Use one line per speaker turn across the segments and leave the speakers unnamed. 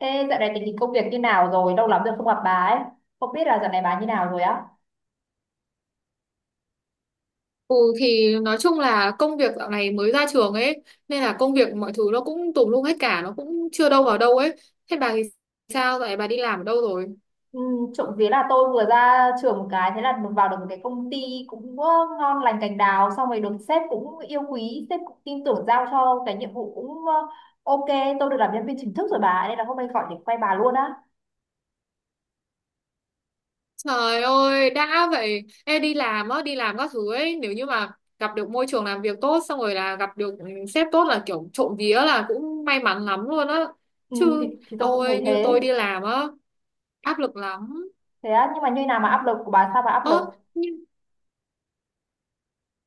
Thế dạo này tình hình công việc như nào rồi? Lâu lắm rồi không gặp bà ấy. Không biết là dạo này bà như nào rồi á?
Ừ thì nói chung là công việc dạo này mới ra trường ấy, nên là công việc mọi thứ nó cũng tùm lum hết cả, nó cũng chưa đâu vào đâu ấy. Thế bà thì sao vậy, bà đi làm ở đâu rồi?
Ừ, trộm vía là tôi vừa ra trường một cái, thế là vào được một cái công ty cũng ngon lành cành đào. Xong rồi được sếp cũng yêu quý, sếp cũng tin tưởng giao cho cái nhiệm vụ cũng ok. Tôi được làm nhân viên chính thức rồi bà, nên là hôm nay gọi để quay bà luôn á.
Trời ơi, đã vậy em đi làm á, đi làm các thứ ấy nếu như mà gặp được môi trường làm việc tốt, xong rồi là gặp được sếp tốt là kiểu trộm vía là cũng may mắn lắm luôn á.
Ừ, thì,
Chứ
thì tôi cũng thấy
ôi như
thế.
tôi đi làm á, áp lực lắm.
Thế á, nhưng mà như nào mà áp lực của bà, sao bà áp
ơ
lực?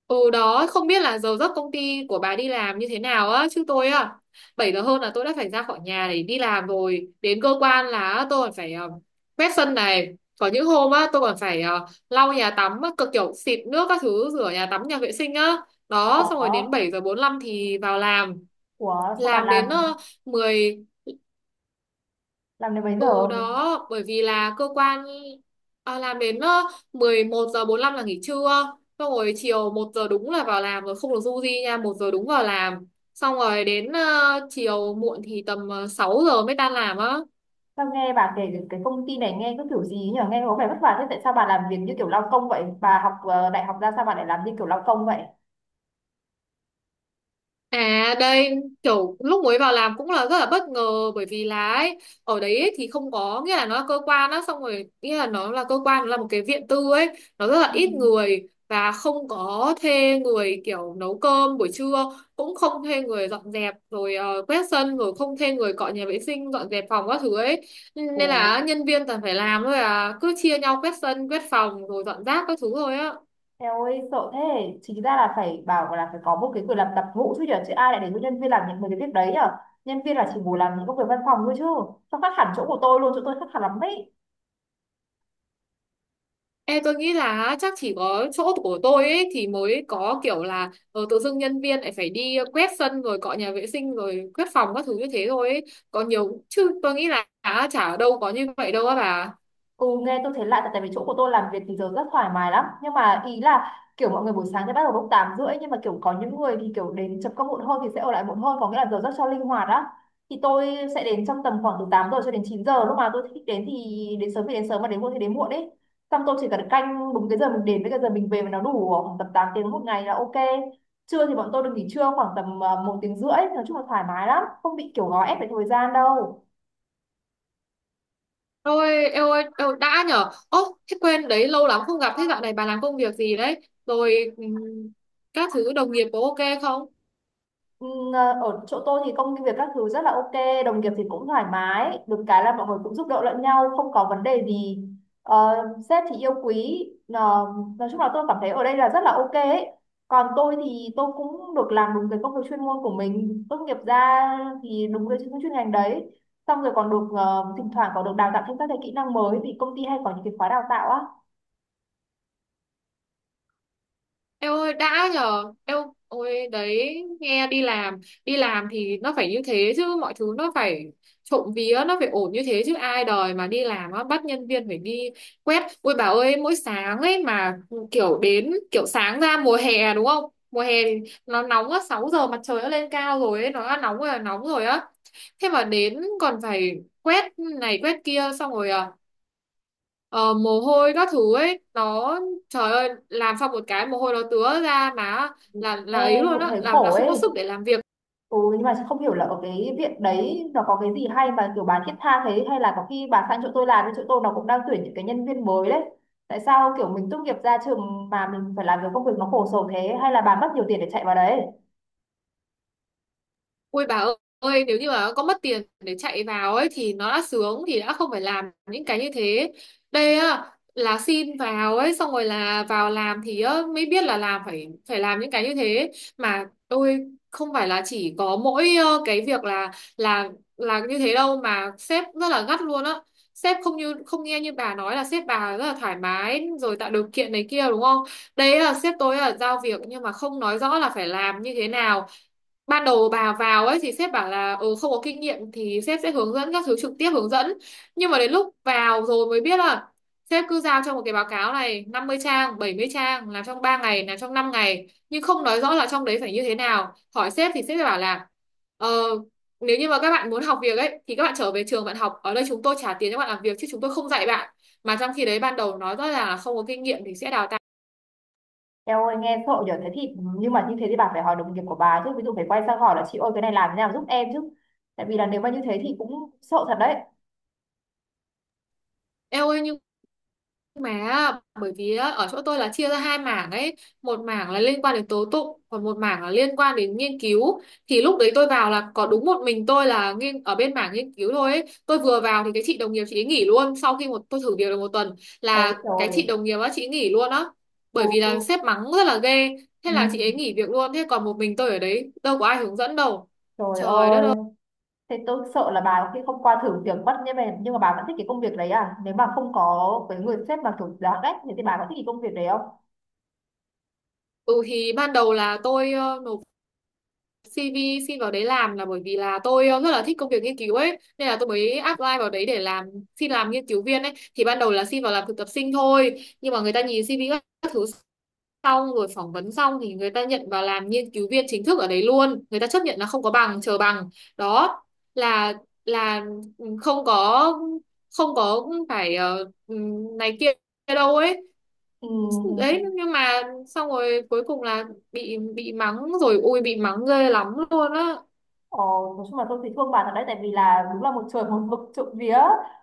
Ừ đó, không biết là giờ giấc công ty của bà đi làm như thế nào á, chứ tôi á, 7 giờ hơn là tôi đã phải ra khỏi nhà để đi làm rồi. Đến cơ quan là tôi còn phải quét sân này. Có những hôm á, tôi còn phải lau nhà tắm, á, cực kiểu xịt nước các thứ, rửa nhà tắm, nhà vệ sinh á. Đó, xong rồi đến
Của,
7 giờ 45 thì vào làm.
của sao bà
Làm
làm?
đến uh,
Làm đến mấy giờ?
ừ đó, bởi vì là cơ quan à, làm đến 11 giờ 45 là nghỉ trưa. Xong rồi chiều một giờ đúng là vào làm, rồi không được du di nha, một giờ đúng vào làm. Xong rồi đến chiều muộn thì tầm 6 giờ mới tan làm á.
Sao nghe bà kể cái công ty này nghe cứ kiểu gì nhỉ? Nghe có vẻ vất vả thế. Tại sao bà làm việc như kiểu lao công vậy? Bà học đại học ra sao bà lại làm như kiểu lao công vậy?
À đây, kiểu lúc mới vào làm cũng là rất là bất ngờ bởi vì là ấy, ở đấy ấy, thì không có nghĩa là nó là cơ quan á, xong rồi nghĩa là nó là cơ quan, nó là một cái viện tư ấy, nó rất là
Ừ.
ít người và không có thuê người kiểu nấu cơm buổi trưa, cũng không thuê người dọn dẹp rồi quét sân, rồi không thuê người cọ nhà vệ sinh, dọn dẹp phòng các thứ ấy,
Ồ,
nên là nhân viên toàn phải làm thôi, à cứ chia nhau quét sân, quét phòng rồi dọn rác các thứ thôi á.
eo ơi sợ thế. Chính ra là phải bảo là phải có một cái quyền làm tập vụ chứ nhỉ? Chứ ai lại để cho nhân viên làm những mấy cái việc đấy nhở. Nhân viên là chỉ ngồi làm những công việc văn phòng thôi chứ. Sao khác hẳn chỗ của tôi luôn, chỗ tôi khác hẳn lắm đấy.
Ê, tôi nghĩ là á, chắc chỉ có chỗ của tôi ấy thì mới có kiểu là tự dưng nhân viên lại phải đi quét sân rồi cọ nhà vệ sinh rồi quét phòng các thứ như thế thôi ấy. Còn nhiều chứ tôi nghĩ là á, chả ở đâu có như vậy đâu á bà.
Ừ, nghe tôi thấy lạ tại tại vì chỗ của tôi làm việc thì giờ rất thoải mái lắm, nhưng mà ý là kiểu mọi người buổi sáng thì bắt đầu lúc 8 rưỡi, nhưng mà kiểu có những người thì kiểu đến chấm công muộn hơn thì sẽ ở lại muộn hơn, có nghĩa là giờ rất cho linh hoạt á. Thì tôi sẽ đến trong tầm khoảng từ 8 giờ cho đến 9 giờ, lúc mà tôi thích đến thì đến, sớm thì đến sớm mà đến muộn thì đến muộn ấy. Xong tôi chỉ cần canh đúng cái giờ mình đến với cái giờ mình về mà nó đủ khoảng tầm 8 tiếng một ngày là ok. Trưa thì bọn tôi được nghỉ trưa khoảng tầm một tiếng rưỡi, nói chung là thoải mái lắm, không bị kiểu gò ép về thời gian đâu.
Ôi, eo ơi, eo, đã nhở. Ô, thế quên đấy, lâu lắm không gặp. Thế dạo này bà làm công việc gì đấy? Rồi các thứ đồng nghiệp có ok không?
Ừ, ở chỗ tôi thì công việc các thứ rất là ok, đồng nghiệp thì cũng thoải mái, được cái là mọi người cũng giúp đỡ lẫn nhau, không có vấn đề gì. Ờ, Sếp thì yêu quý, Ờ, nói chung là tôi cảm thấy ở đây là rất là ok ấy. Còn tôi thì tôi cũng được làm đúng cái công việc chuyên môn của mình, tốt nghiệp ra thì đúng cái chuyên chuyên ngành đấy. Xong rồi còn được thỉnh thoảng còn được đào tạo thêm các cái kỹ năng mới vì công ty hay có những cái khóa đào tạo á.
Eo ơi đã nhờ, eo ôi đấy, nghe đi làm, đi làm thì nó phải như thế chứ, mọi thứ nó phải trộm vía nó phải ổn như thế chứ, ai đời mà đi làm á bắt nhân viên phải đi quét. Ôi bà ơi, mỗi sáng ấy mà kiểu đến kiểu sáng ra mùa hè đúng không, mùa hè thì nó nóng á, 6 giờ mặt trời nó lên cao rồi ấy, nó đã nóng rồi là nóng rồi á, thế mà đến còn phải quét này quét kia, xong rồi à ờ, mồ hôi các thứ ấy nó, trời ơi làm xong một cái mồ hôi nó tứa ra má, là
Ê,
là ấy luôn
cũng
á,
thấy
làm
khổ
là không
ấy.
có sức để làm việc.
Ừ, nhưng mà không hiểu là ở cái viện đấy nó có cái gì hay mà kiểu bà thiết tha thế, hay là có khi bà sang chỗ tôi làm, thì chỗ tôi nó cũng đang tuyển những cái nhân viên mới đấy. Tại sao kiểu mình tốt nghiệp ra trường mà mình phải làm cái công việc nó khổ sở thế, hay là bà mất nhiều tiền để chạy vào đấy?
Ui bà ơi, nếu như mà có mất tiền để chạy vào ấy thì nó đã sướng, thì đã không phải làm những cái như thế. Đây á là xin vào ấy, xong rồi là vào làm thì á, mới biết là làm phải phải làm những cái như thế, mà tôi không phải là chỉ có mỗi cái việc là là như thế đâu, mà sếp rất là gắt luôn á. Sếp không như không nghe, như bà nói là sếp bà rất là thoải mái rồi tạo điều kiện này kia đúng không? Đấy là sếp tôi là giao việc nhưng mà không nói rõ là phải làm như thế nào. Ban đầu bà vào ấy thì sếp bảo là không có kinh nghiệm thì sếp sẽ hướng dẫn các thứ, trực tiếp hướng dẫn, nhưng mà đến lúc vào rồi mới biết là sếp cứ giao cho một cái báo cáo này 50 trang, 70 trang, làm trong 3 ngày, làm trong 5 ngày nhưng không nói rõ là trong đấy phải như thế nào. Hỏi sếp thì sếp sẽ bảo là ờ, nếu như mà các bạn muốn học việc ấy thì các bạn trở về trường bạn học, ở đây chúng tôi trả tiền cho bạn làm việc chứ chúng tôi không dạy bạn, mà trong khi đấy ban đầu nói rõ ràng là không có kinh nghiệm thì sẽ đào tạo.
Eo ơi nghe sợ nhở, thế thì nhưng mà như thế thì bà phải hỏi đồng nghiệp của bà chứ, ví dụ phải quay sang hỏi là chị ơi cái này làm thế nào giúp em chứ. Tại vì là nếu mà như thế thì cũng sợ thật đấy.
Eo ơi nhưng mà bởi vì á, ở chỗ tôi là chia ra hai mảng ấy, một mảng là liên quan đến tố tụng, còn một mảng là liên quan đến nghiên cứu, thì lúc đấy tôi vào là có đúng một mình tôi là nghiên ở bên mảng nghiên cứu thôi ấy. Tôi vừa vào thì cái chị đồng nghiệp chị ấy nghỉ luôn, sau khi một tôi thử việc được 1 tuần
Ôi
là cái
trời.
chị đồng nghiệp á chị ấy nghỉ luôn á, bởi vì là
Ừ.
sếp mắng rất là ghê, thế là chị ấy
Ừ.
nghỉ việc luôn, thế còn một mình tôi ở đấy đâu có ai hướng dẫn đâu.
Trời
Trời đất
ơi.
ơi,
Thế tôi sợ là bà có khi không qua thử việc bắt như vậy, nhưng mà bà vẫn thích cái công việc đấy à? Nếu mà không có cái người sếp mà kiểu đáng ghét thì bà có thích cái công việc đấy không?
ừ thì ban đầu là tôi nộp CV xin vào đấy làm là bởi vì là tôi rất là thích công việc nghiên cứu ấy, nên là tôi mới apply vào đấy để làm, xin làm nghiên cứu viên ấy. Thì ban đầu là xin vào làm thực tập sinh thôi, nhưng mà người ta nhìn CV các thứ, xong rồi phỏng vấn xong thì người ta nhận vào làm nghiên cứu viên chính thức ở đấy luôn. Người ta chấp nhận là không có bằng, chờ bằng. Đó là là không có, không có phải này kia đâu ấy.
Ừ, ừ. Ừ.
Đấy nhưng mà xong rồi cuối cùng là bị mắng, rồi ui bị mắng ghê lắm luôn á.
Ờ, nói chung là tôi thấy thương bà thật đấy, tại vì là đúng là một trời một vực. Trộm vía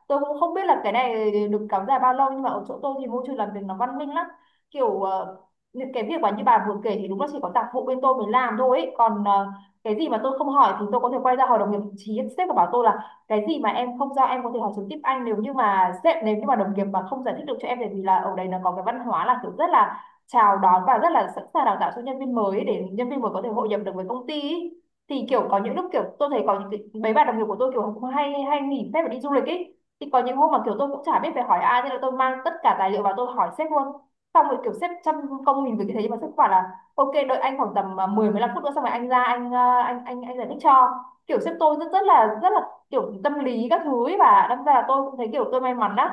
tôi cũng không biết là cái này được kéo dài bao lâu, nhưng mà ở chỗ tôi thì môi trường làm việc nó văn minh lắm, kiểu những cái việc mà như bà vừa kể thì đúng là chỉ có tạp vụ bên tôi mới làm thôi ấy. Còn cái gì mà tôi không hỏi thì tôi có thể quay ra hỏi đồng nghiệp, chí sếp và bảo tôi là cái gì mà em không giao em có thể hỏi trực tiếp anh, nếu như mà sếp, nếu như mà đồng nghiệp mà không giải thích được cho em, tại vì là ở đây nó có cái văn hóa là kiểu rất là chào đón và rất là sẵn sàng đào tạo cho nhân viên mới để nhân viên mới có thể hội nhập được với công ty ý. Thì kiểu có những lúc kiểu tôi thấy có những cái, mấy bạn đồng nghiệp của tôi kiểu cũng hay hay nghỉ phép và đi du lịch ấy, thì có những hôm mà kiểu tôi cũng chả biết phải hỏi ai nên là tôi mang tất cả tài liệu vào tôi hỏi sếp luôn. Xong rồi kiểu sếp trăm công nghìn việc như thế, nhưng mà sếp bảo là ok đợi anh khoảng tầm 10 15 phút nữa xong rồi anh ra anh giải thích cho. Kiểu sếp tôi rất rất là kiểu tâm lý các thứ ấy, và đâm ra là tôi cũng thấy kiểu tôi may mắn đó.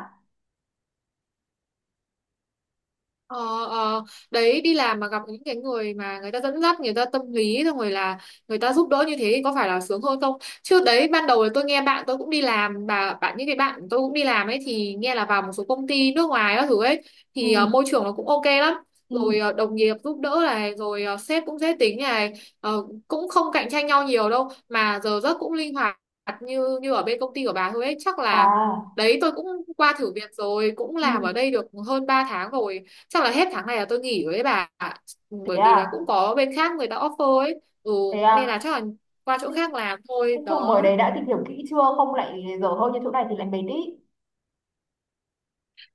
Ờ, ờ, đấy đi làm mà gặp những cái người mà người ta dẫn dắt, người ta tâm lý, xong rồi là người ta giúp đỡ như thế thì có phải là sướng hơn không. Chứ đấy ban đầu là tôi nghe bạn tôi cũng đi làm, bà bạn, những cái bạn tôi cũng đi làm ấy, thì nghe là vào một số công ty nước ngoài các thứ ấy thì
Ừ.
môi trường nó cũng ok lắm, rồi
Ừ.
đồng nghiệp giúp đỡ này, rồi sếp cũng dễ tính này, cũng không cạnh tranh nhau nhiều đâu, mà giờ giấc cũng linh hoạt, như như ở bên công ty của bà thôi ấy chắc là.
À.
Đấy tôi cũng qua thử việc rồi, cũng làm ở
Ừ.
đây được hơn 3 tháng rồi, chắc là hết tháng này là tôi nghỉ rồi đấy bà ạ.
Thế
Bởi vì là
à
cũng có bên khác người ta offer ấy, ừ,
thế à
nên là chắc là qua chỗ khác làm thôi
cái chỗ mời
đó.
đấy đã tìm hiểu kỹ chưa, không lại dở hơi như chỗ này thì lại mệt ý.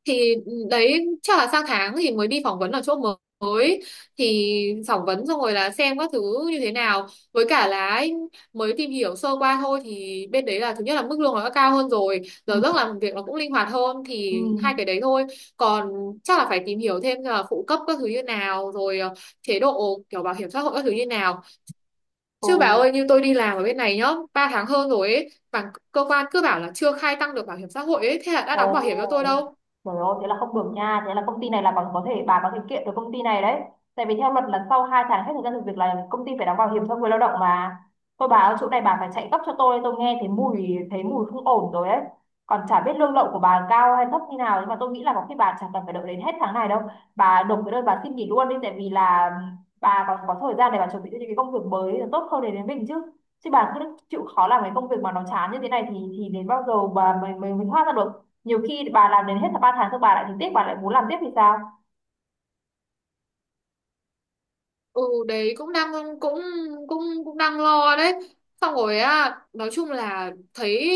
Thì đấy chắc là sang tháng thì mới đi phỏng vấn ở chỗ mới, thì phỏng vấn xong rồi là xem các thứ như thế nào, với cả là ấy, mới tìm hiểu sơ qua thôi thì bên đấy là thứ nhất là mức lương nó đã cao hơn rồi, giờ
Ừ.
giấc làm việc nó cũng linh hoạt hơn, thì hai
Ừ.
cái đấy thôi. Còn chắc là phải tìm hiểu thêm là phụ cấp các thứ như nào, rồi chế độ kiểu bảo hiểm xã hội các thứ như nào.
Ừ,
Chứ bà ơi như tôi đi làm ở bên này nhá, 3 tháng hơn rồi ấy, mà cơ quan cứ bảo là chưa khai tăng được bảo hiểm xã hội ấy, thế là đã
Ồ,
đóng bảo hiểm cho tôi đâu.
trời ơi, thế là không được nha. Thế là công ty này là bằng có thể bà có thể kiện được công ty này đấy. Tại vì theo luật là sau 2 tháng hết thời gian thực việc là công ty phải đóng bảo hiểm cho người lao động mà. Thôi bà ở chỗ này bà phải chạy gấp cho tôi nghe thấy mùi không ổn rồi đấy. Còn chả biết lương lậu của bà cao hay thấp như nào, nhưng mà tôi nghĩ là có khi bà chẳng cần phải đợi đến hết tháng này đâu. Bà nộp cái đơn bà xin nghỉ luôn đi, tại vì là bà còn có thời gian để bà chuẩn bị cho những cái công việc mới là tốt hơn để đến mình chứ. Chứ bà cứ chịu khó làm cái công việc mà nó chán như thế này thì đến bao giờ bà mình thoát ra được. Nhiều khi bà làm đến hết là ba tháng rồi bà lại thấy tiếc bà lại muốn làm tiếp thì sao.
Ừ đấy cũng đang, cũng cũng cũng đang lo đấy. Xong rồi á nói chung là thấy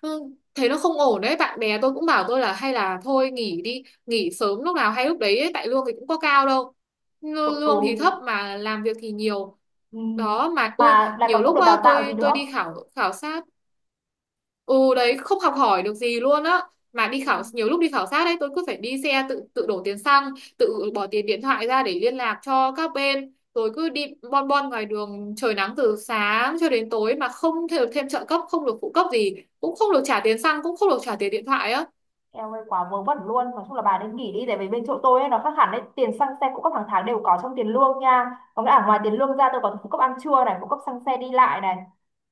ừ, thấy nó không ổn đấy. Bạn bè tôi cũng bảo tôi là hay là thôi nghỉ đi, nghỉ sớm lúc nào hay lúc đấy ấy, tại lương thì cũng có cao đâu, Lương lương thì thấp
Ừ.
mà làm việc thì nhiều
Ừ.
đó, mà ui
Mà lại còn
nhiều
không
lúc
được
á,
đào tạo gì
tôi
nữa.
đi khảo khảo sát. Ừ đấy không học hỏi được gì luôn á, mà đi
Ừ.
khảo, nhiều lúc đi khảo sát đấy tôi cứ phải đi xe, tự tự đổ tiền xăng, tự bỏ tiền điện thoại ra để liên lạc cho các bên, rồi cứ đi bon bon ngoài đường trời nắng từ sáng cho đến tối, mà không thể được thêm trợ cấp, không được phụ cấp gì, cũng không được trả tiền xăng, cũng không được trả tiền điện thoại á.
Eo ơi quá vớ vẩn luôn. Nói chung là bà nên nghỉ đi. Tại vì bên chỗ tôi ấy, nó khác hẳn đấy. Tiền xăng xe phụ cấp hàng tháng đều có trong tiền lương nha. Có nghĩa là ngoài tiền lương ra tôi còn phụ cấp ăn trưa này, phụ cấp xăng xe đi lại này.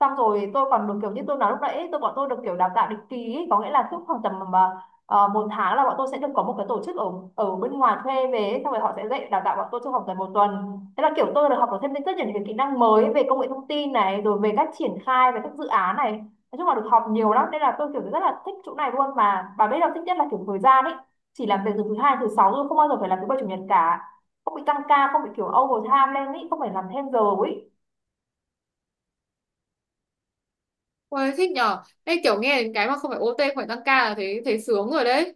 Xong rồi tôi còn được kiểu như tôi nói lúc nãy ấy, bọn tôi được kiểu đào tạo định kỳ ấy. Có nghĩa là cứ khoảng tầm một tháng là bọn tôi sẽ được có một cái tổ chức ở ở bên ngoài thuê về ấy. Xong rồi họ sẽ dạy đào tạo bọn tôi trong vòng tầm một tuần. Thế là kiểu tôi được học được thêm rất nhiều những cái kỹ năng mới. Về công nghệ thông tin này, rồi về cách triển khai, về các dự án này, nói chung là được học nhiều lắm nên là tôi kiểu rất là thích chỗ này luôn. Mà bà biết đâu thích nhất là kiểu thời gian ấy, chỉ làm việc từ thứ hai thứ sáu thôi, không bao giờ phải làm thứ bảy chủ nhật cả, không bị tăng ca, không bị kiểu overtime lên ấy, không phải làm thêm giờ ấy.
Ôi thích nhở, đây kiểu nghe đến cái mà không phải OT phải tăng ca là thấy, thấy sướng rồi đấy.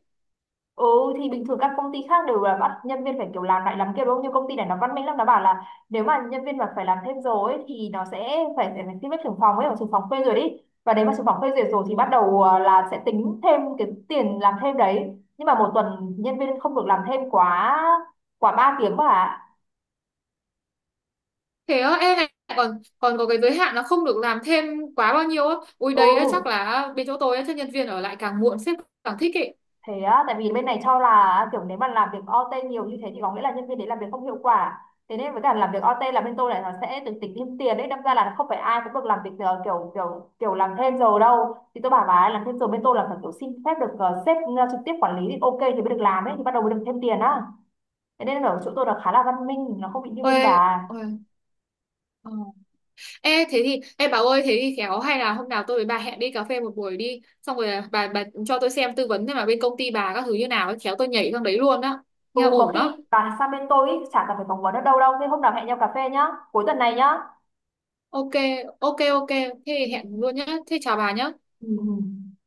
Ừ, thì bình thường các công ty khác đều là bắt nhân viên phải kiểu làm lại làm kia đúng không? Nhưng công ty này nó văn minh lắm, nó bảo là nếu mà nhân viên mà phải làm thêm giờ ấy thì nó sẽ phải phải phải xin phép trưởng phòng ấy, hoặc trưởng phòng phê duyệt đi. Và nếu mà trưởng phòng phê duyệt rồi thì bắt đầu là sẽ tính thêm cái tiền làm thêm đấy. Nhưng mà một tuần nhân viên không được làm thêm quá quá 3 tiếng mà.
Thế á em này, còn còn có cái giới hạn là không được làm thêm quá bao nhiêu á? Ui
Ừ
đây á chắc là bên chỗ tôi á, chắc nhân viên ở lại càng muộn sếp càng thích ý.
thế á, tại vì bên này cho là kiểu nếu mà làm việc OT nhiều như thế thì có nghĩa là nhân viên đấy làm việc không hiệu quả. Thế nên với cả làm việc OT là bên tôi là nó sẽ được tính thêm tiền đấy, đâm ra là không phải ai cũng được làm việc ờ, kiểu kiểu kiểu làm thêm giờ đâu. Thì tôi bảo bà ấy làm thêm giờ bên tôi là phải kiểu xin phép được sếp trực tiếp quản lý thì ok thì mới được làm ấy, thì bắt đầu mới được thêm tiền á. Thế nên ở chỗ tôi là khá là văn minh, nó không bị như bên
Ôi,
bà.
ôi, ờ. Ê, thế thì, ê bảo ơi, thế thì khéo hay là hôm nào tôi với bà hẹn đi cà phê một buổi đi, xong rồi à, bà cho tôi xem, tư vấn xem là bên công ty bà các thứ như nào, ấy, khéo tôi nhảy sang đấy luôn đó.
Ừ,
Nghe
có
ổn
khi
đó.
bà sang bên tôi ý, chả cần phải phỏng vấn ở đâu đâu, thế hôm nào hẹn nhau cà phê nhá, cuối tuần này nhá.
Ok, ok, ok, thế thì
Ừ.
hẹn luôn nhá, thế chào bà nhá.
Ừ. Ừ.